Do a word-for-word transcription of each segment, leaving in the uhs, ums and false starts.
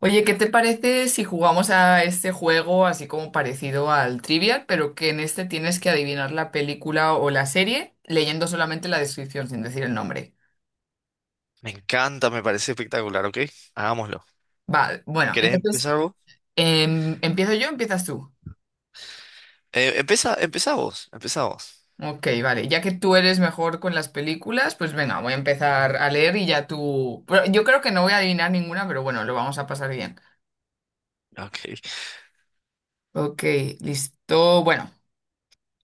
Oye, ¿qué te parece si jugamos a este juego así como parecido al Trivial, pero que en este tienes que adivinar la película o la serie leyendo solamente la descripción sin decir el nombre? Me encanta, me parece espectacular, ¿ok? Hagámoslo. Vale, bueno, ¿Querés entonces, empezar vos? em, ¿empiezo yo o empiezas tú? Eh, empieza, empieza vos, empezá vos. Ok, vale, ya que tú eres mejor con las películas, pues venga, voy a empezar a leer y ya tú... Pero yo creo que no voy a adivinar ninguna, pero bueno, lo vamos a pasar bien. Ok, Ok, listo. Bueno,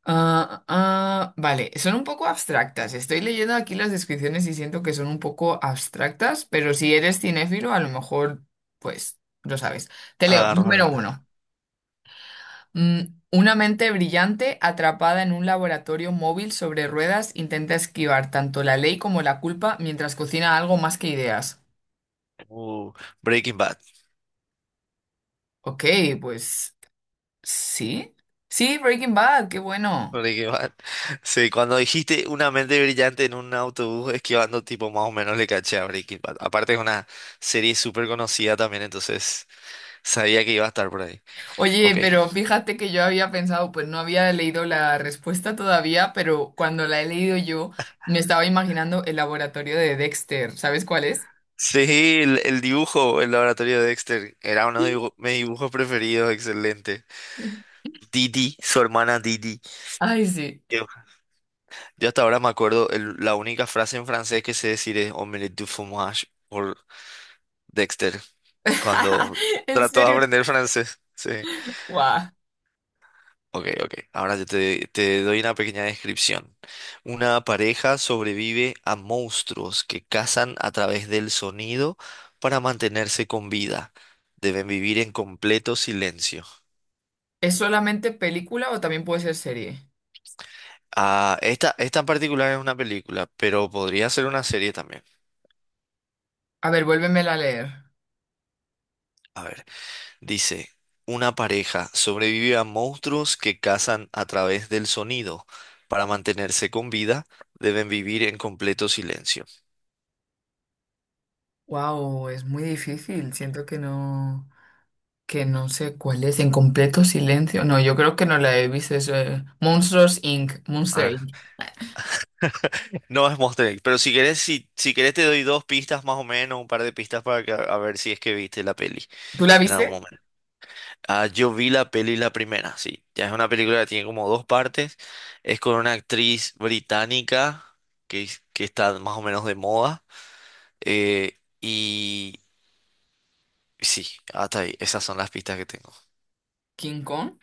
ah, ah, vale, son un poco abstractas. Estoy leyendo aquí las descripciones y siento que son un poco abstractas, pero si eres cinéfilo, a lo mejor, pues, lo sabes. Te leo, agarro número alguna. uno. Mm, una mente brillante atrapada en un laboratorio móvil sobre ruedas intenta esquivar tanto la ley como la culpa mientras cocina algo más que ideas. Uh, Breaking Bad. Ok, pues, sí. Sí, Breaking Bad, qué bueno. Breaking Bad. Sí, cuando dijiste una mente brillante en un autobús esquivando, tipo, más o menos le caché a Breaking Bad. Aparte es una serie súper conocida también, entonces sabía que iba a estar por ahí. Oye, Ok. pero fíjate que yo había pensado, pues no había leído la respuesta todavía, pero cuando la he leído yo, me estaba imaginando el laboratorio de Dexter. ¿Sabes cuál es? Sí, el, el dibujo, el laboratorio de Dexter, era uno de dibu- mis dibujos preferidos, excelente. Didi, su hermana Didi. Ay, sí. Yo hasta ahora me acuerdo, el- la única frase en francés que sé decir es omelette du fromage por Dexter, cuando ¿En trató de serio? aprender francés. Sí. Guau. Ok, ok. Ahora yo te, te doy una pequeña descripción. Una pareja sobrevive a monstruos que cazan a través del sonido para mantenerse con vida. Deben vivir en completo silencio. ¿Es solamente película o también puede ser serie? Ah, esta, esta en particular es una película, pero podría ser una serie también. A ver, vuélvemela a leer. A ver. Dice, una pareja sobrevive a monstruos que cazan a través del sonido. Para mantenerse con vida, deben vivir en completo silencio. Wow, es muy difícil. Siento que no, que no sé cuál es. En completo silencio. No, yo creo que no la he visto. Es, eh, Monsters Inc. Monster Ah, Inc. no es Monster inc, pero si querés, si, si querés te doy dos pistas más o menos, un par de pistas para que, a ver si es que viste la peli ¿Tú la en algún viste? momento. Ah, yo vi la peli la primera, sí. Ya es una película que tiene como dos partes. Es con una actriz británica que, que está más o menos de moda. eh, y sí, hasta ahí. Esas son las pistas que tengo. ¿King Kong?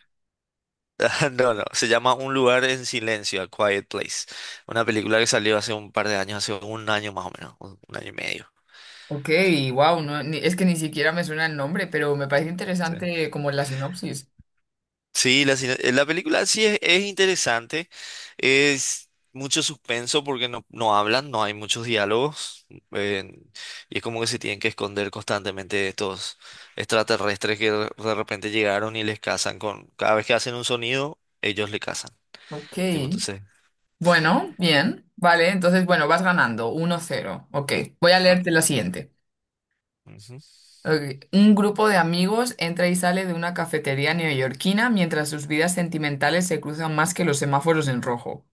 No, no. Se llama Un lugar en silencio, A Quiet Place. Una película que salió hace un par de años, hace un año más o menos, un, un año y medio. Ok, wow, no, ni- es que ni siquiera me suena el nombre, pero me parece Sí, interesante como la sinopsis. sí, la, cine- la película sí es, es interesante. Es mucho suspenso porque no, no hablan, no hay muchos diálogos. eh, y es como que se tienen que esconder constantemente de estos extraterrestres que de de repente llegaron y les cazan con... Cada vez que hacen un sonido, ellos le cazan. Ok, Tipo, entonces... bueno, bien, vale, entonces, bueno, vas ganando, uno cero. Ok, voy a leerte la siguiente. Ujú. Ok, un grupo de amigos entra y sale de una cafetería neoyorquina mientras sus vidas sentimentales se cruzan más que los semáforos en rojo.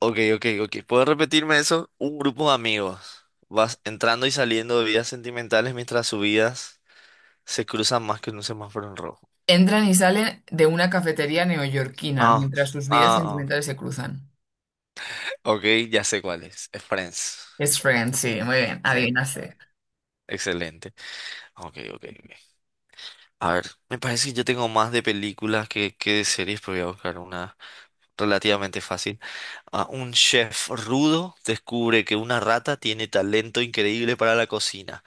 Ok, ok, ok. ¿Puedo repetirme eso? Un grupo de amigos. Vas entrando y saliendo de vidas sentimentales mientras sus vidas se cruzan más que en un semáforo en rojo. Entran y salen de una cafetería neoyorquina Ah, mientras sus vidas ah, ah. sentimentales se cruzan. Ok, ya sé cuál es. Es Friends. Es Friends, sí, muy bien, Sí, adivinaste. excelente. Ok, ok, ok. A ver, me parece que yo tengo más de películas que, que de series, pero voy a buscar una relativamente fácil. Ah, un chef rudo descubre que una rata tiene talento increíble para la cocina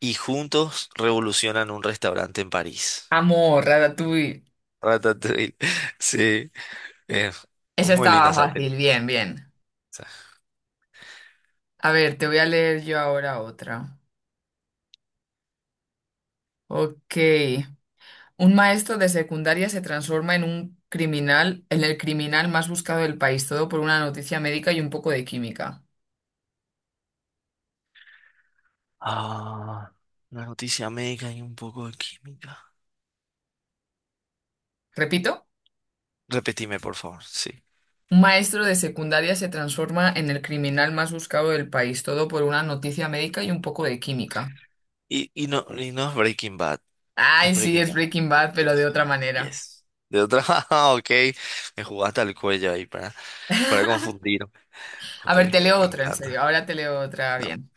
y juntos revolucionan un restaurante en París. Amor, Ratatouille. Ratatouille. Sí, es Esa muy linda estaba esa fácil, película. bien, bien. A ver, te voy a leer yo ahora otra. Ok. Un maestro de secundaria se transforma en un criminal, en el criminal más buscado del país, todo por una noticia médica y un poco de química. Ah, una noticia médica y un poco de química. Repito, Repetime, por favor, sí. un maestro de secundaria se transforma en el criminal más buscado del país, todo por una noticia médica y un poco de química. Y, y no, y no es Breaking Bad, Ay, es sí, Breaking es Bad. Breaking Bad, pero de Yes, otra manera. yes. De otra, ah, ok, me jugaste al cuello ahí para, para confundir. A Ok, ver, te me, leo me otra, en serio. encanta. Ahora te leo otra Da- bien.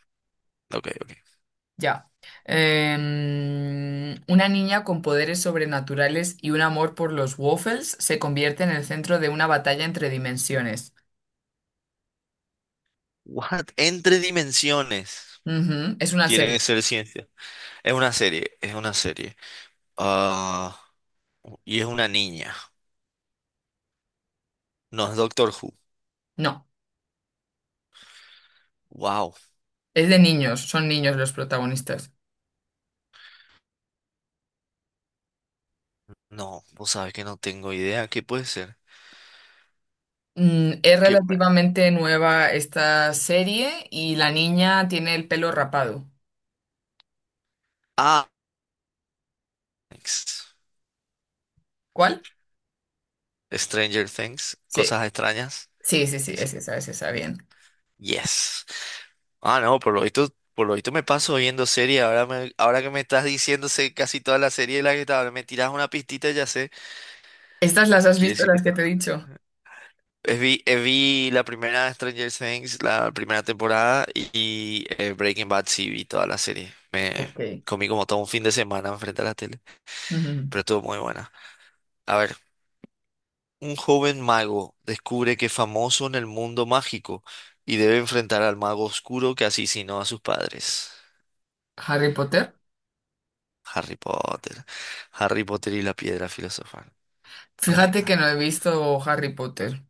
Ok, ok. Ya. Em, una niña con poderes sobrenaturales y un amor por los waffles se convierte en el centro de una batalla entre dimensiones. What? Entre dimensiones. Ujú, es una Tiene serie. que ser ciencia. Es una serie, es una serie. Ah, y es una niña. No es Doctor Who. No, Wow. es de niños, son niños los protagonistas. No, vos sabés que no tengo idea. ¿Qué puede ser? Mm, es ¿Qué... relativamente nueva esta serie y la niña tiene el pelo rapado. Ah, Things. ¿Cuál? Stranger Things. Cosas Sí, extrañas. sí, sí, sí, Sí. es esa, es esa, bien. Yes. Ah, no, por lo visto, por lo visto me paso viendo series. Ahora, me, ahora que me estás diciendo sé casi toda la serie de la que estaba, me tiras una pistita y ya sé. ¿Estas las has Quiere visto, decir que las que te he dicho? Eh, Vi, eh, vi la primera Stranger Things, la primera temporada y eh, Breaking Bad sí vi toda la serie. Me Ok. comí como todo un fin de semana enfrente a la tele, Ujú. pero estuvo muy buena. A ver, un joven mago descubre que es famoso en el mundo mágico y debe enfrentar al mago oscuro que asesinó a sus padres. ¿Harry Potter? Harry Potter. Harry Potter y la piedra filosofal. Fíjate que Buenita. no he visto Harry Potter.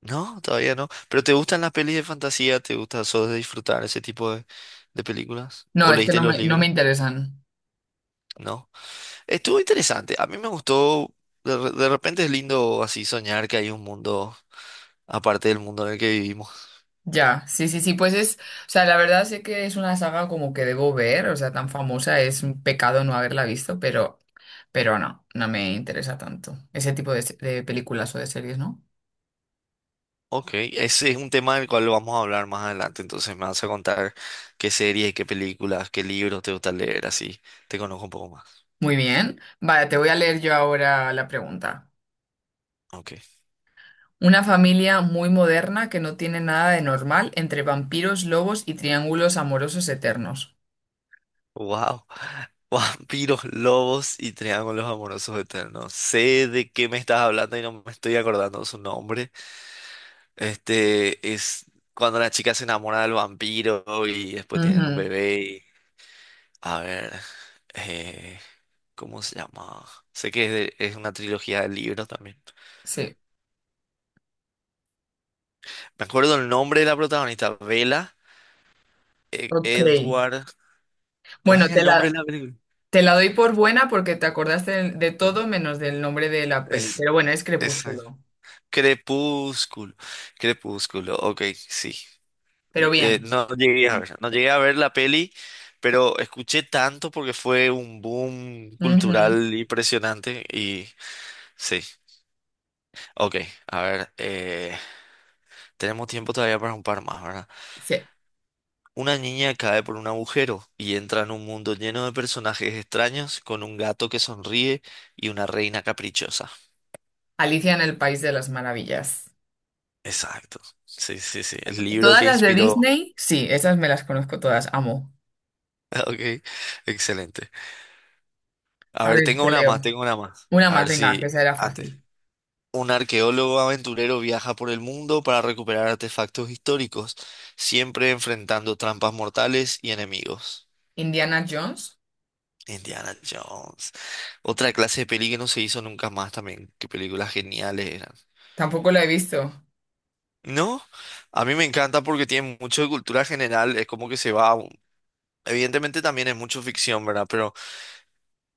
No, todavía no. ¿Pero te gustan las pelis de fantasía? ¿Te gusta solo de disfrutar ese tipo de, de películas? No, ¿O es que leíste no los me, no me libros? interesan. ¿No? Estuvo interesante. A mí me gustó. De, re- de repente es lindo así soñar que hay un mundo aparte del mundo en el que vivimos. Ya, sí, sí, sí, pues es, o sea, la verdad sé que es una saga como que debo ver, o sea, tan famosa, es un pecado no haberla visto, pero, pero no, no me interesa tanto ese tipo de, se- de películas o de series, ¿no? Ok, ese es un tema del cual vamos a hablar más adelante. Entonces me vas a contar qué series, qué películas, qué libros te gusta leer, así te conozco un poco más. Muy bien, vale, te voy a leer yo ahora la pregunta. Ok. Una familia muy moderna que no tiene nada de normal entre vampiros, lobos y triángulos amorosos eternos. Wow. Vampiros, lobos y triángulos amorosos eternos. Sé de qué me estás hablando y no me estoy acordando su nombre. Este es cuando la chica se enamora del vampiro y después tienen un Ujú, bebé. Y a ver, eh, ¿cómo se llama? Sé que es, de- es una trilogía de libros también. sí, Me acuerdo el nombre de la protagonista, Bella, eh, ok. Edward. ¿Cuál Bueno, es te el nombre la, de la película? te la doy por buena porque te acordaste de, de todo Ah, menos del nombre de la peli. es, Pero bueno, es es eh, Crepúsculo. Crepúsculo. Crepúsculo, ok, sí. Pero Eh, bien. no llegué a ver, no llegué a ver la peli, pero escuché tanto porque fue un boom Ujú. cultural impresionante y sí, ok, a ver, eh, tenemos tiempo todavía para un par más, ¿verdad? Sí. Una niña cae por un agujero y entra en un mundo lleno de personajes extraños con un gato que sonríe y una reina caprichosa. Alicia en el País de las Maravillas. Exacto, sí, sí, sí, el libro Todas que las de inspiró. Disney, sí, esas me las conozco todas, amo. Ok, excelente. A A ver, ver, tengo te una más, leo. tengo una más. Una A más, ver si venga, que eh, esa era antes. fácil. Un arqueólogo aventurero viaja por el mundo para recuperar artefactos históricos, siempre enfrentando trampas mortales y enemigos. Indiana Jones, Indiana Jones. Otra clase de peli que no se hizo nunca más también. Qué películas geniales eran. tampoco la he visto. No, a mí me encanta porque tiene mucho de cultura general, es como que se va... Evidentemente también es mucho ficción, ¿verdad? Pero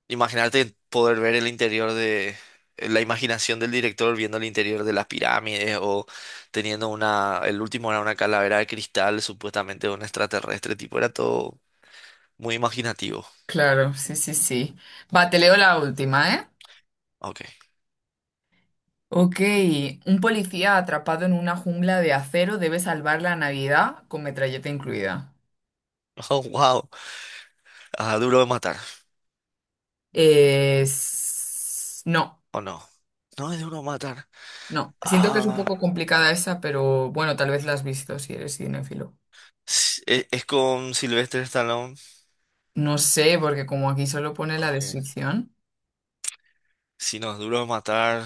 imaginarte poder ver el interior de eh, la imaginación del director viendo el interior de las pirámides o teniendo una, el último era una calavera de cristal, supuestamente de un extraterrestre, tipo, era todo muy imaginativo. Claro, sí, sí, sí. Va, te leo la última, ¿eh? Ok. Ok, un policía atrapado en una jungla de acero debe salvar la Navidad con metralleta incluida. Oh, wow. Ah, duro de matar. Es- no, ¿O no? No es duro de matar. no. Siento que es un Ah, poco complicada esa, pero bueno, tal vez la has visto si eres cinéfilo. s- e- es, con Sylvester Stallone. No sé, porque como aquí solo pone la Ok. descripción. Si no, es duro de matar.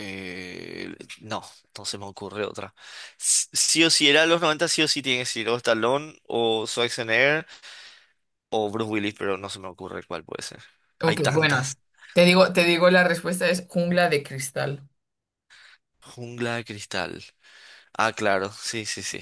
Eh, no, no se me ocurre otra. S- Sí o sí, era los noventa. Sí o sí tiene que ser o Stallone o Schwarzenegger o Bruce Willis, pero no se me ocurre cuál puede ser. Hay Ok, bueno, tantas. te digo, te digo la respuesta es jungla de cristal. Jungla de cristal. Ah, claro, sí, sí, sí.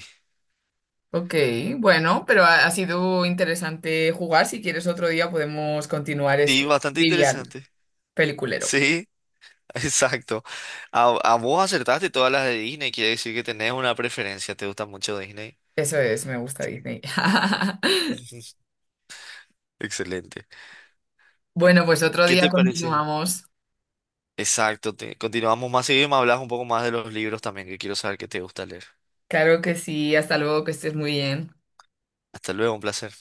Ok, bueno, pero ha, ha sido interesante jugar. Si quieres otro día podemos continuar Sí, este bastante trivial interesante. peliculero. Sí, exacto. A, a vos acertaste todas las de Disney, quiere decir que tenés una preferencia, te gusta mucho Disney. Eso es, me gusta Sí. Disney. Excelente. Bueno, pues otro ¿Qué día te parece? continuamos. Exacto, te- continuamos más seguido y me hablas un poco más de los libros también, que quiero saber qué te gusta leer. Claro que sí, hasta luego, que estés muy bien. Hasta luego, un placer.